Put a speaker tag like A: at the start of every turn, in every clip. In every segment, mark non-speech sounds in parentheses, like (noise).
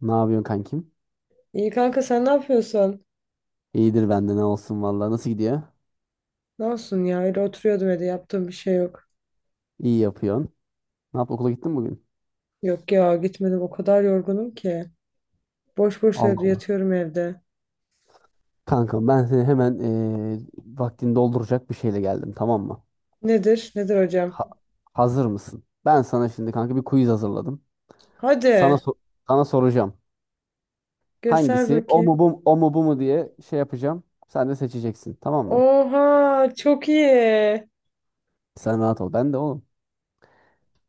A: Ne yapıyorsun kankim?
B: İyi kanka, sen ne yapıyorsun?
A: İyidir bende ne olsun vallahi. Nasıl gidiyor?
B: Ne olsun ya, öyle oturuyordum evde, yaptığım bir şey yok.
A: İyi yapıyorsun. Ne yap okula gittin mi bugün?
B: Yok ya, gitmedim, o kadar yorgunum ki. Boş boş
A: Allah
B: evde
A: Allah.
B: yatıyorum evde.
A: Kankam ben seni hemen vaktini dolduracak bir şeyle geldim, tamam mı?
B: Nedir? Nedir hocam?
A: Ha- hazır mısın? Ben sana şimdi kanka bir quiz hazırladım. Sana
B: Hadi
A: so- sana soracağım.
B: göster
A: Hangisi? O mu
B: bakayım.
A: bu mu, o mu bu mu diye şey yapacağım. Sen de seçeceksin, tamam mı?
B: Oha çok iyi.
A: Sen rahat ol. Ben de oğlum.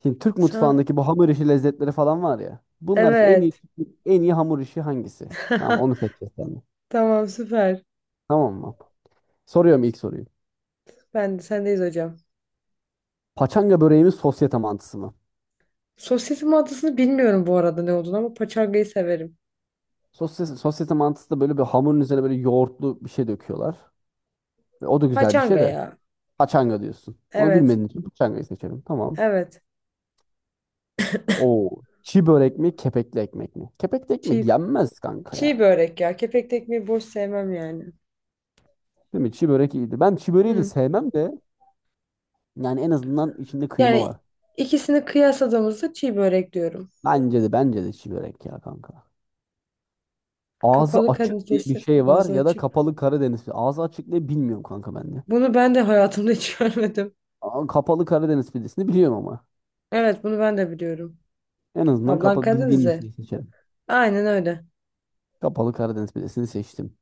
A: Şimdi Türk
B: Sen...
A: mutfağındaki bu hamur işi lezzetleri falan var ya. Bunlar en iyi
B: Evet.
A: en iyi hamur işi hangisi? Tamam onu seçeceğiz sen de.
B: (laughs) Tamam, süper.
A: Tamam mı? Soruyorum ilk soruyu.
B: Ben de sendeyiz hocam.
A: Paçanga böreği mi sosyete mantısı mı?
B: Sosyetim adısını bilmiyorum bu arada ne olduğunu, ama paçangayı severim.
A: Sosyete mantısı da böyle bir hamurun üzerine böyle yoğurtlu bir şey döküyorlar. Ve o da güzel bir
B: Paçanga
A: şey de
B: ya.
A: paçanga diyorsun. Onu
B: Evet.
A: bilmediğin için paçangayı seçelim. Tamam.
B: Evet.
A: Oo, çi börek mi kepekli ekmek mi? Kepekli ekmek
B: Çiğ,
A: yenmez kanka
B: çiğ
A: ya.
B: börek ya. Kepekli ekmeği boş sevmem yani.
A: Değil mi? Çi börek iyiydi. Ben çi böreği de
B: Hı.
A: sevmem de yani en azından içinde kıyma
B: Yani
A: var.
B: ikisini kıyasladığımızda çiğ börek diyorum.
A: Bence de çi börek ya kanka. Ağzı
B: Kapalı
A: açık diye bir
B: kadifesi
A: şey var
B: ağzı
A: ya da
B: açık.
A: kapalı Karadeniz pidesi. Ağzı açık diye bilmiyorum kanka ben de.
B: Bunu ben de hayatımda hiç (laughs) görmedim.
A: Aa, Kapalı Karadeniz pidesini biliyorum ama.
B: Evet, bunu ben de biliyorum.
A: En azından
B: Ablan
A: kapa bildiğim bir
B: Karadenizli.
A: şey seçelim.
B: Aynen öyle.
A: Kapalı Karadeniz pidesini seçtim.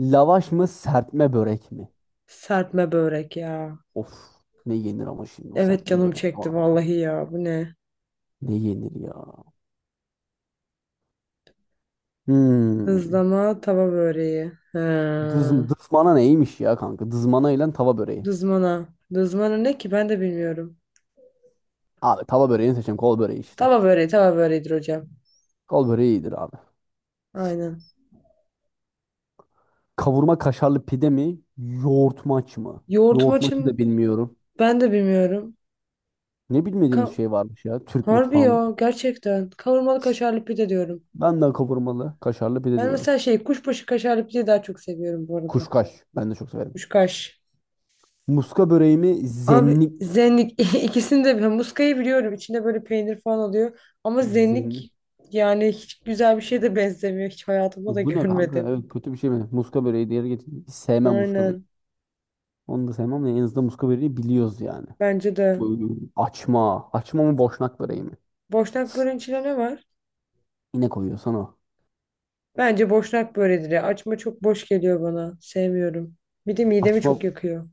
A: Lavaş mı serpme börek mi?
B: Serpme börek ya.
A: Of, ne yenir ama şimdi o
B: Evet,
A: serpme
B: canım
A: börek de
B: çekti
A: var ya.
B: vallahi ya. Bu ne?
A: Ne yenir ya? Hmm.
B: Dızlama tava böreği. Ha.
A: Dız, dızmana neymiş ya kanka? Dızmana ile tava böreği.
B: Dızmana. Dızmana ne ki, ben de bilmiyorum.
A: Abi tava böreğini seçeceğim. Kol böreği işte.
B: Tava böreği tava böreğidir hocam.
A: Kol böreği iyidir abi.
B: Aynen.
A: Kavurma kaşarlı pide mi? Yoğurtmaç mı?
B: Yoğurt
A: Yoğurtmaçı da
B: maçın
A: bilmiyorum.
B: ben de bilmiyorum.
A: Ne bilmediğimiz
B: Ka
A: şey varmış ya Türk
B: Harbi
A: mutfağında.
B: ya, gerçekten. Kavurmalı kaşarlı pide diyorum.
A: Ben de kavurmalı kaşarlı pide
B: Ben
A: diyorum.
B: mesela şey, kuşbaşı kaşarlı pideyi daha çok seviyorum bu arada.
A: Kuşkaş. Ben de çok severim.
B: Kuşkaş.
A: Muska böreği mi?
B: Abi
A: Zenlik.
B: zenlik, (laughs) ikisini de, ben muskayı biliyorum. İçinde böyle peynir falan oluyor. Ama
A: Zenlik.
B: zenlik yani hiç güzel bir şeye de benzemiyor. Hiç hayatımda da
A: Bu ne kanka?
B: görmedim.
A: Evet kötü bir şey mi? Muska böreği diğeri getirdim. Hiç sevmem muska böreği.
B: Aynen.
A: Onu da sevmem de en azından muska böreği biliyoruz yani.
B: Bence de.
A: Böyle açma. Açma mı boşnak böreği mi?
B: Boşnak böreğin içinde ne var?
A: Yine koyuyorsan o.
B: Bence boşnak böreğidir ya. Açma çok boş geliyor bana. Sevmiyorum. Bir de midemi
A: Açma.
B: çok yakıyor.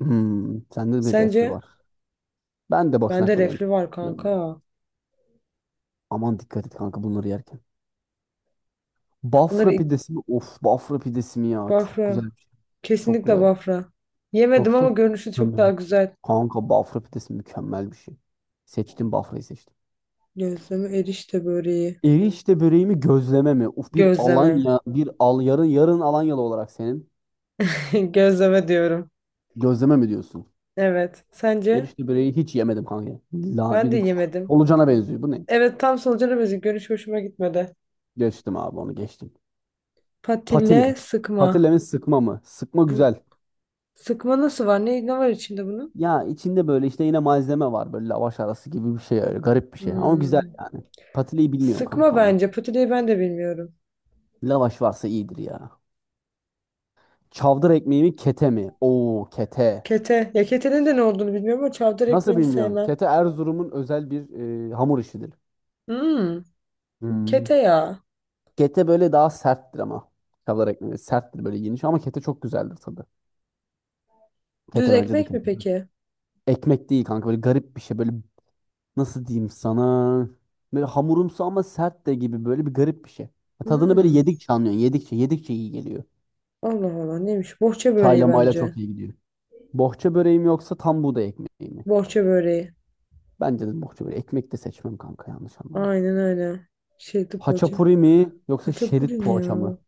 A: Hmm, sende bir reflü
B: Sence?
A: var. Ben de boşnak
B: Bende
A: böreğini
B: reflü var
A: tercih ediyorum.
B: kanka.
A: Aman dikkat et kanka bunları yerken. Bafra
B: Bunları
A: pidesi mi? Of, bafra pidesi mi ya? Çok
B: Bafra.
A: güzel bir şey. Çok
B: Kesinlikle
A: güzel.
B: Bafra. Yemedim, ama
A: Yoksa
B: görünüşü çok daha
A: mükemmel.
B: güzel.
A: Kanka bafra pidesi mükemmel bir şey. Seçtim, bafrayı seçtim.
B: Gözleme erişte böreği.
A: Erişte böreğimi gözleme mi? Uf, bir
B: Gözleme.
A: Alanya, bir al yarın yarın Alanyalı olarak senin
B: (laughs) Gözleme diyorum.
A: gözleme mi diyorsun?
B: Evet. Sence?
A: Erişte böreği hiç yemedim kanka. La
B: Ben de
A: bir
B: yemedim.
A: solucana benziyor. Bu ne?
B: Evet, tam solucanı benziyor. Görünüş hoşuma gitmedi.
A: Geçtim abi onu geçtim.
B: Patille
A: Patile.
B: sıkma.
A: Patile mi sıkma mı? Sıkma
B: Bu
A: güzel.
B: sıkma nasıl var? Ne var içinde bunun?
A: Ya içinde böyle işte yine malzeme var. Böyle lavaş arası gibi bir şey, öyle garip bir şey. Ama güzel
B: Hmm.
A: yani. Patileyi bilmiyorum
B: Sıkma
A: kanka ama.
B: bence. Patileyi ben de bilmiyorum.
A: Lavaş varsa iyidir ya. Çavdar ekmeği mi kete mi? Oo kete.
B: Kete. Ya ketenin de ne olduğunu bilmiyorum, ama çavdar
A: Nasıl
B: ekmeğini
A: bilmiyorsun?
B: sevmem.
A: Kete Erzurum'un özel bir hamur işidir.
B: Hmm.
A: Hmm.
B: Kete ya.
A: Kete böyle daha serttir ama. Kavala ekmeği serttir böyle geniş ama kete çok güzeldir tadı.
B: Düz
A: Kete, bence de
B: ekmek mi
A: kete.
B: peki?
A: Ekmek değil kanka böyle garip bir şey, böyle nasıl diyeyim sana. Böyle hamurumsu ama sert de gibi, böyle bir garip bir şey. Tadını böyle
B: Hmm.
A: yedikçe anlıyorsun. Yedikçe yedikçe iyi geliyor.
B: Allah Allah, neymiş? Bohça böreği
A: Çayla mayla
B: bence.
A: çok iyi gidiyor. Bohça böreğim yoksa tam buğday ekmeği mi?
B: Bohça böreği.
A: Bence de bohça böreği. Ekmek de seçmem kanka, yanlış anlama.
B: Aynen öyle. Şeritli poğaça.
A: Haçapuri mi yoksa şerit
B: Haçapuri ne
A: poğaça
B: ya?
A: mı?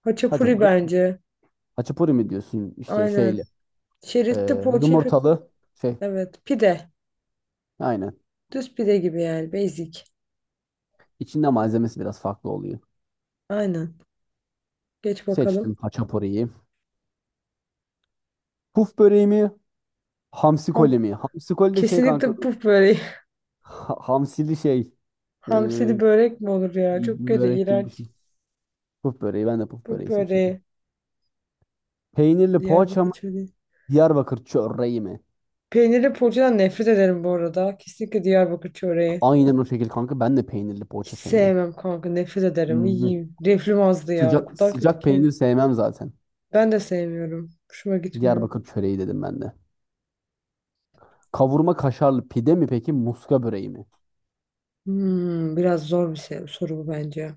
B: Haçapuri
A: Haçapuri.
B: bence.
A: Haçapuri mi diyorsun işte
B: Aynen.
A: şeyli.
B: Şeritli poğaça ipi.
A: Yumurtalı şey.
B: Evet. Pide.
A: Aynen.
B: Düz pide gibi yani. Basic.
A: İçinde malzemesi biraz farklı oluyor.
B: Aynen. Geç
A: Seçtim
B: bakalım.
A: haçapuriyi. Puf böreği mi? Hamsi koli
B: Ham.
A: mi? Hamsi koli de şey kanka,
B: Kesinlikle puf böreği.
A: hamsili şey.
B: (laughs)
A: Ee,
B: Hamsili börek mi olur ya? Çok
A: bir
B: kötü,
A: börek gibi bir
B: iğrenç.
A: şey. Puf böreği. Ben de puf
B: Puf
A: böreği seçiyorum.
B: böreği.
A: Peynirli poğaça
B: Diyarbakır
A: mı?
B: çöreği.
A: Diyarbakır çöreği mi?
B: Peynirli poğaçadan nefret ederim bu arada. Kesinlikle Diyarbakır çöreği.
A: Aynen o şekilde kanka. Ben de peynirli
B: Hiç
A: poğaça sevmem.
B: sevmem kanka. Nefret ederim.
A: Hı-hı.
B: İyiyim. Reflüm azdı ya. O
A: Sıcak
B: kadar kötü
A: sıcak
B: ki.
A: peynir sevmem zaten.
B: Ben de sevmiyorum. Hoşuma gitmiyor.
A: Diyarbakır çöreği dedim ben de. Kavurma kaşarlı pide mi peki? Muska böreği mi?
B: Hmm, biraz zor bir soru bu bence.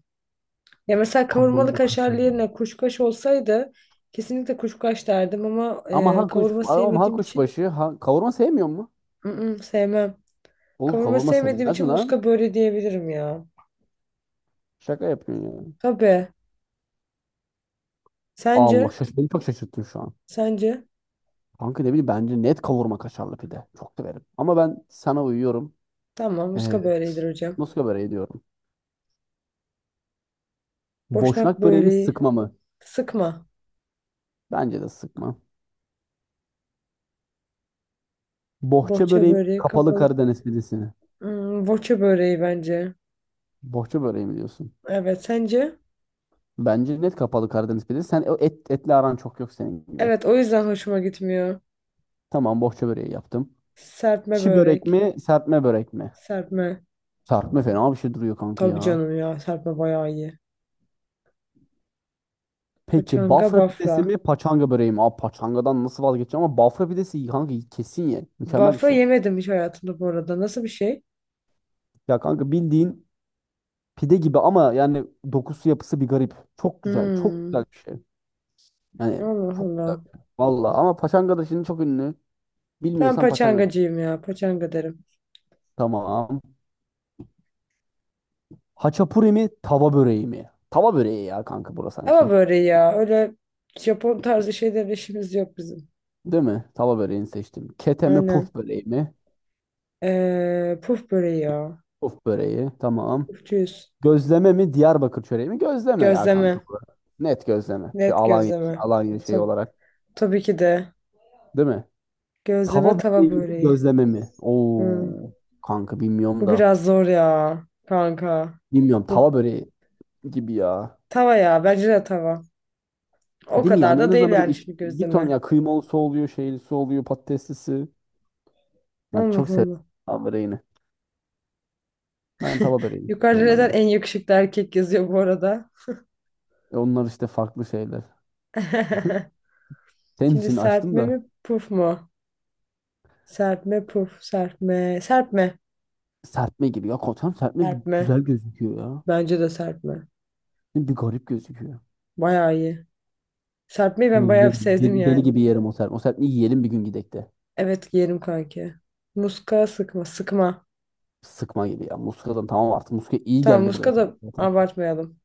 B: Ya mesela kavurmalı
A: Kavurma
B: kaşar
A: kaşarlı.
B: yerine kuşkaş olsaydı kesinlikle kuşkaş derdim, ama
A: Ama ha kuş,
B: kavurma
A: ama ha
B: sevmediğim için
A: kuşbaşı, ha, kavurma sevmiyor mu?
B: ı-ı, sevmem.
A: Oğlum
B: Kavurma
A: kavurma
B: sevmediğim
A: sevilmez mi
B: için
A: lan?
B: muska böyle diyebilirim ya.
A: Şaka yapıyorsun ya.
B: Tabii. Sence?
A: Allah şaş, beni çok şaşırttın şu an.
B: Sence?
A: Kanka ne bileyim bence net kavurma kaşarlı pide. Çok severim. Ama ben sana uyuyorum.
B: Tamam,
A: Ee,
B: muska böyledir hocam.
A: muska böreği diyorum.
B: Boşnak
A: Boşnak böreğimi
B: böreği.
A: sıkma mı?
B: Sıkma.
A: Bence de sıkma. Bohça
B: Bohça
A: böreğim
B: böreği
A: kapalı
B: kapalı.
A: Karadeniz pidesini.
B: Hmm, boça böreği bence.
A: Bohça böreği mi diyorsun?
B: Evet, sence?
A: Bence net kapalı Karadeniz pidesi. Sen o et, etli aran çok yok senin gibi.
B: Evet, o yüzden hoşuma gitmiyor.
A: Tamam bohça böreği yaptım.
B: Serpme
A: Çi börek
B: börek.
A: mi serpme börek mi?
B: Serpme.
A: Serpme fena bir şey duruyor kanka
B: Tabii
A: ya.
B: canım ya, serpme bayağı iyi.
A: Peki
B: Paçanga
A: Bafra pidesi
B: bafra.
A: mi paçanga böreği mi? Abi paçangadan nasıl vazgeçeceğim ama Bafra pidesi kanka kesin ye. Mükemmel bir
B: Bafra
A: şey.
B: yemedim hiç hayatımda bu arada. Nasıl bir şey?
A: Ya kanka bildiğin pide gibi ama yani dokusu yapısı bir garip. Çok güzel. Çok
B: Hmm.
A: güzel bir şey. Yani
B: Allah
A: çok güzel
B: Allah.
A: bir şey. Vallahi ama paçanga da şimdi çok ünlü.
B: Ben
A: Bilmiyorsan paçanga değil.
B: paçangacıyım ya. Paçanga derim.
A: Tamam. Haçapuri mi tava böreği mi? Tava böreği ya kanka burası
B: Ama
A: sanki.
B: böreği ya. Öyle Japon tarzı şeyler işimiz yok bizim.
A: Değil mi? Tava böreğini seçtim. Kete mi
B: Aynen.
A: puf böreği mi?
B: Puf böreği ya.
A: Puf böreği. Tamam.
B: Pufçuyuz.
A: Gözleme mi Diyarbakır çöreği mi? Gözleme ya kanka
B: Gözleme.
A: bu. Net gözleme. Bir
B: Net
A: Alanya,
B: gözleme.
A: Alanya şeyi
B: Tabii,
A: olarak.
B: tabii ki de.
A: Değil mi? Tava
B: Gözleme tava
A: böreği mi
B: böreği.
A: gözleme mi?
B: Hmm.
A: Oo kanka bilmiyorum
B: Bu
A: da.
B: biraz zor ya kanka.
A: Bilmiyorum tava
B: Bu
A: böreği gibi ya.
B: tava ya, bence de tava. O
A: Değil mi
B: kadar
A: yani en
B: da değil
A: azından böyle
B: yani
A: iç,
B: şimdi
A: bir ton
B: gözleme.
A: ya kıymalısı oluyor, şeylisi oluyor, patateslisi. Yani
B: Allah
A: çok seviyorum
B: Allah.
A: tava böreğini. Ben tava böreğini
B: Yukarıda
A: diyorum
B: neden
A: ben de.
B: en yakışıklı erkek yazıyor bu arada?
A: E onlar işte farklı şeyler.
B: (laughs)
A: Senin
B: Şimdi
A: için açtım
B: serpme
A: da
B: mi puf mu? Serpme puf serpme. Serpme.
A: serpme gibi. Ya koçam serpme bir
B: Serpme.
A: güzel gözüküyor ya.
B: Bence de serpme.
A: Bir garip gözüküyor.
B: Bayağı iyi. Serpmeyi
A: Bunu
B: ben bayağı
A: yiyelim.
B: sevdim
A: Deli deli
B: yani.
A: gibi yerim o serpme. O serpmeyi yiyelim bir gün gidek de.
B: Evet, giyerim kanki. Muska sıkma sıkma.
A: Sıkma gibi ya. Muskadan tamam artık. Muska iyi
B: Tamam,
A: geldi
B: muska
A: buraya kadar
B: da
A: zaten.
B: abartmayalım.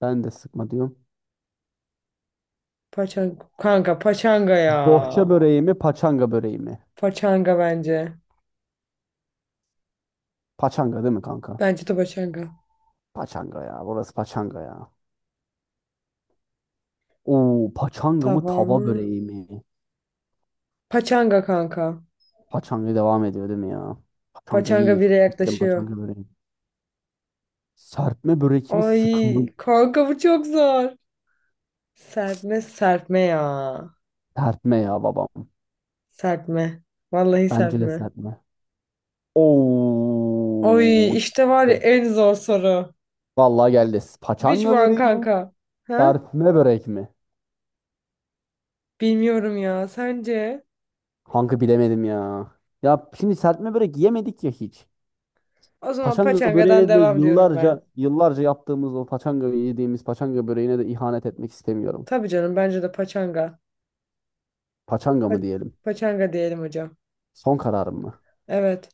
A: Ben de sıkma diyorum.
B: Paçanga. Kanka paçanga ya.
A: Bohça böreği mi, paçanga böreği mi?
B: Paçanga bence.
A: Paçanga değil mi kanka?
B: Bence de paçanga.
A: Paçanga ya. Burası paçanga ya. Oo, paçanga mı,
B: Tamam
A: tava
B: mı?
A: böreği mi?
B: Paçanga kanka.
A: Paçanga devam ediyor değil mi ya? Paçanga
B: Paçanga
A: iyi. Çok
B: bire
A: severim
B: yaklaşıyor.
A: paçanga böreği. Serpme börek mi,
B: Ay
A: sıkma?
B: kanka, bu çok zor. Serpme serpme ya.
A: Serpme ya babam.
B: Serpme. Vallahi
A: Bence de
B: serpme.
A: serpme.
B: Ay,
A: Oo.
B: işte var ya
A: Geldi.
B: en zor soru.
A: Vallahi geldi.
B: Which
A: Paçanga
B: one
A: böreği mi?
B: kanka? Ha?
A: Serpme börek mi?
B: Bilmiyorum ya. Sence?
A: Kanka bilemedim ya. Ya şimdi serpme börek yemedik ya hiç.
B: O zaman
A: Paçanga
B: paçangadan
A: böreğine de
B: devam diyorum ben.
A: yıllarca yıllarca yaptığımız o paçanga yediğimiz paçanga böreğine de ihanet etmek istemiyorum.
B: Tabii canım, bence de paçanga.
A: Paçanga
B: Pa-
A: mı diyelim?
B: paçanga diyelim hocam.
A: Son kararım mı?
B: Evet.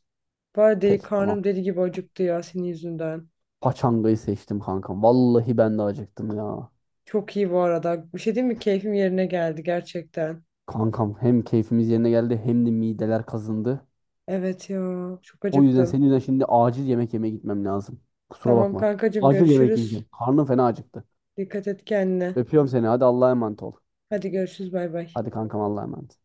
B: Baya deli,
A: Peki tamam.
B: karnım deli gibi acıktı ya senin yüzünden.
A: Paçangayı seçtim kankam. Vallahi ben de acıktım ya.
B: Çok iyi bu arada. Bir şey değil mi? Keyfim yerine geldi gerçekten.
A: Kankam hem keyfimiz yerine geldi hem de mideler kazındı.
B: Evet ya. Çok
A: O yüzden
B: acıktım.
A: senin yüzünden şimdi acil yemek yemeye gitmem lazım. Kusura
B: Tamam
A: bakma.
B: kankacığım,
A: Acil yemek
B: görüşürüz.
A: yiyeceğim. Karnım fena acıktı.
B: Dikkat et kendine.
A: Öpüyorum seni. Hadi Allah'a emanet ol.
B: Hadi görüşürüz, bay bay.
A: Hadi kankam Allah'a emanet.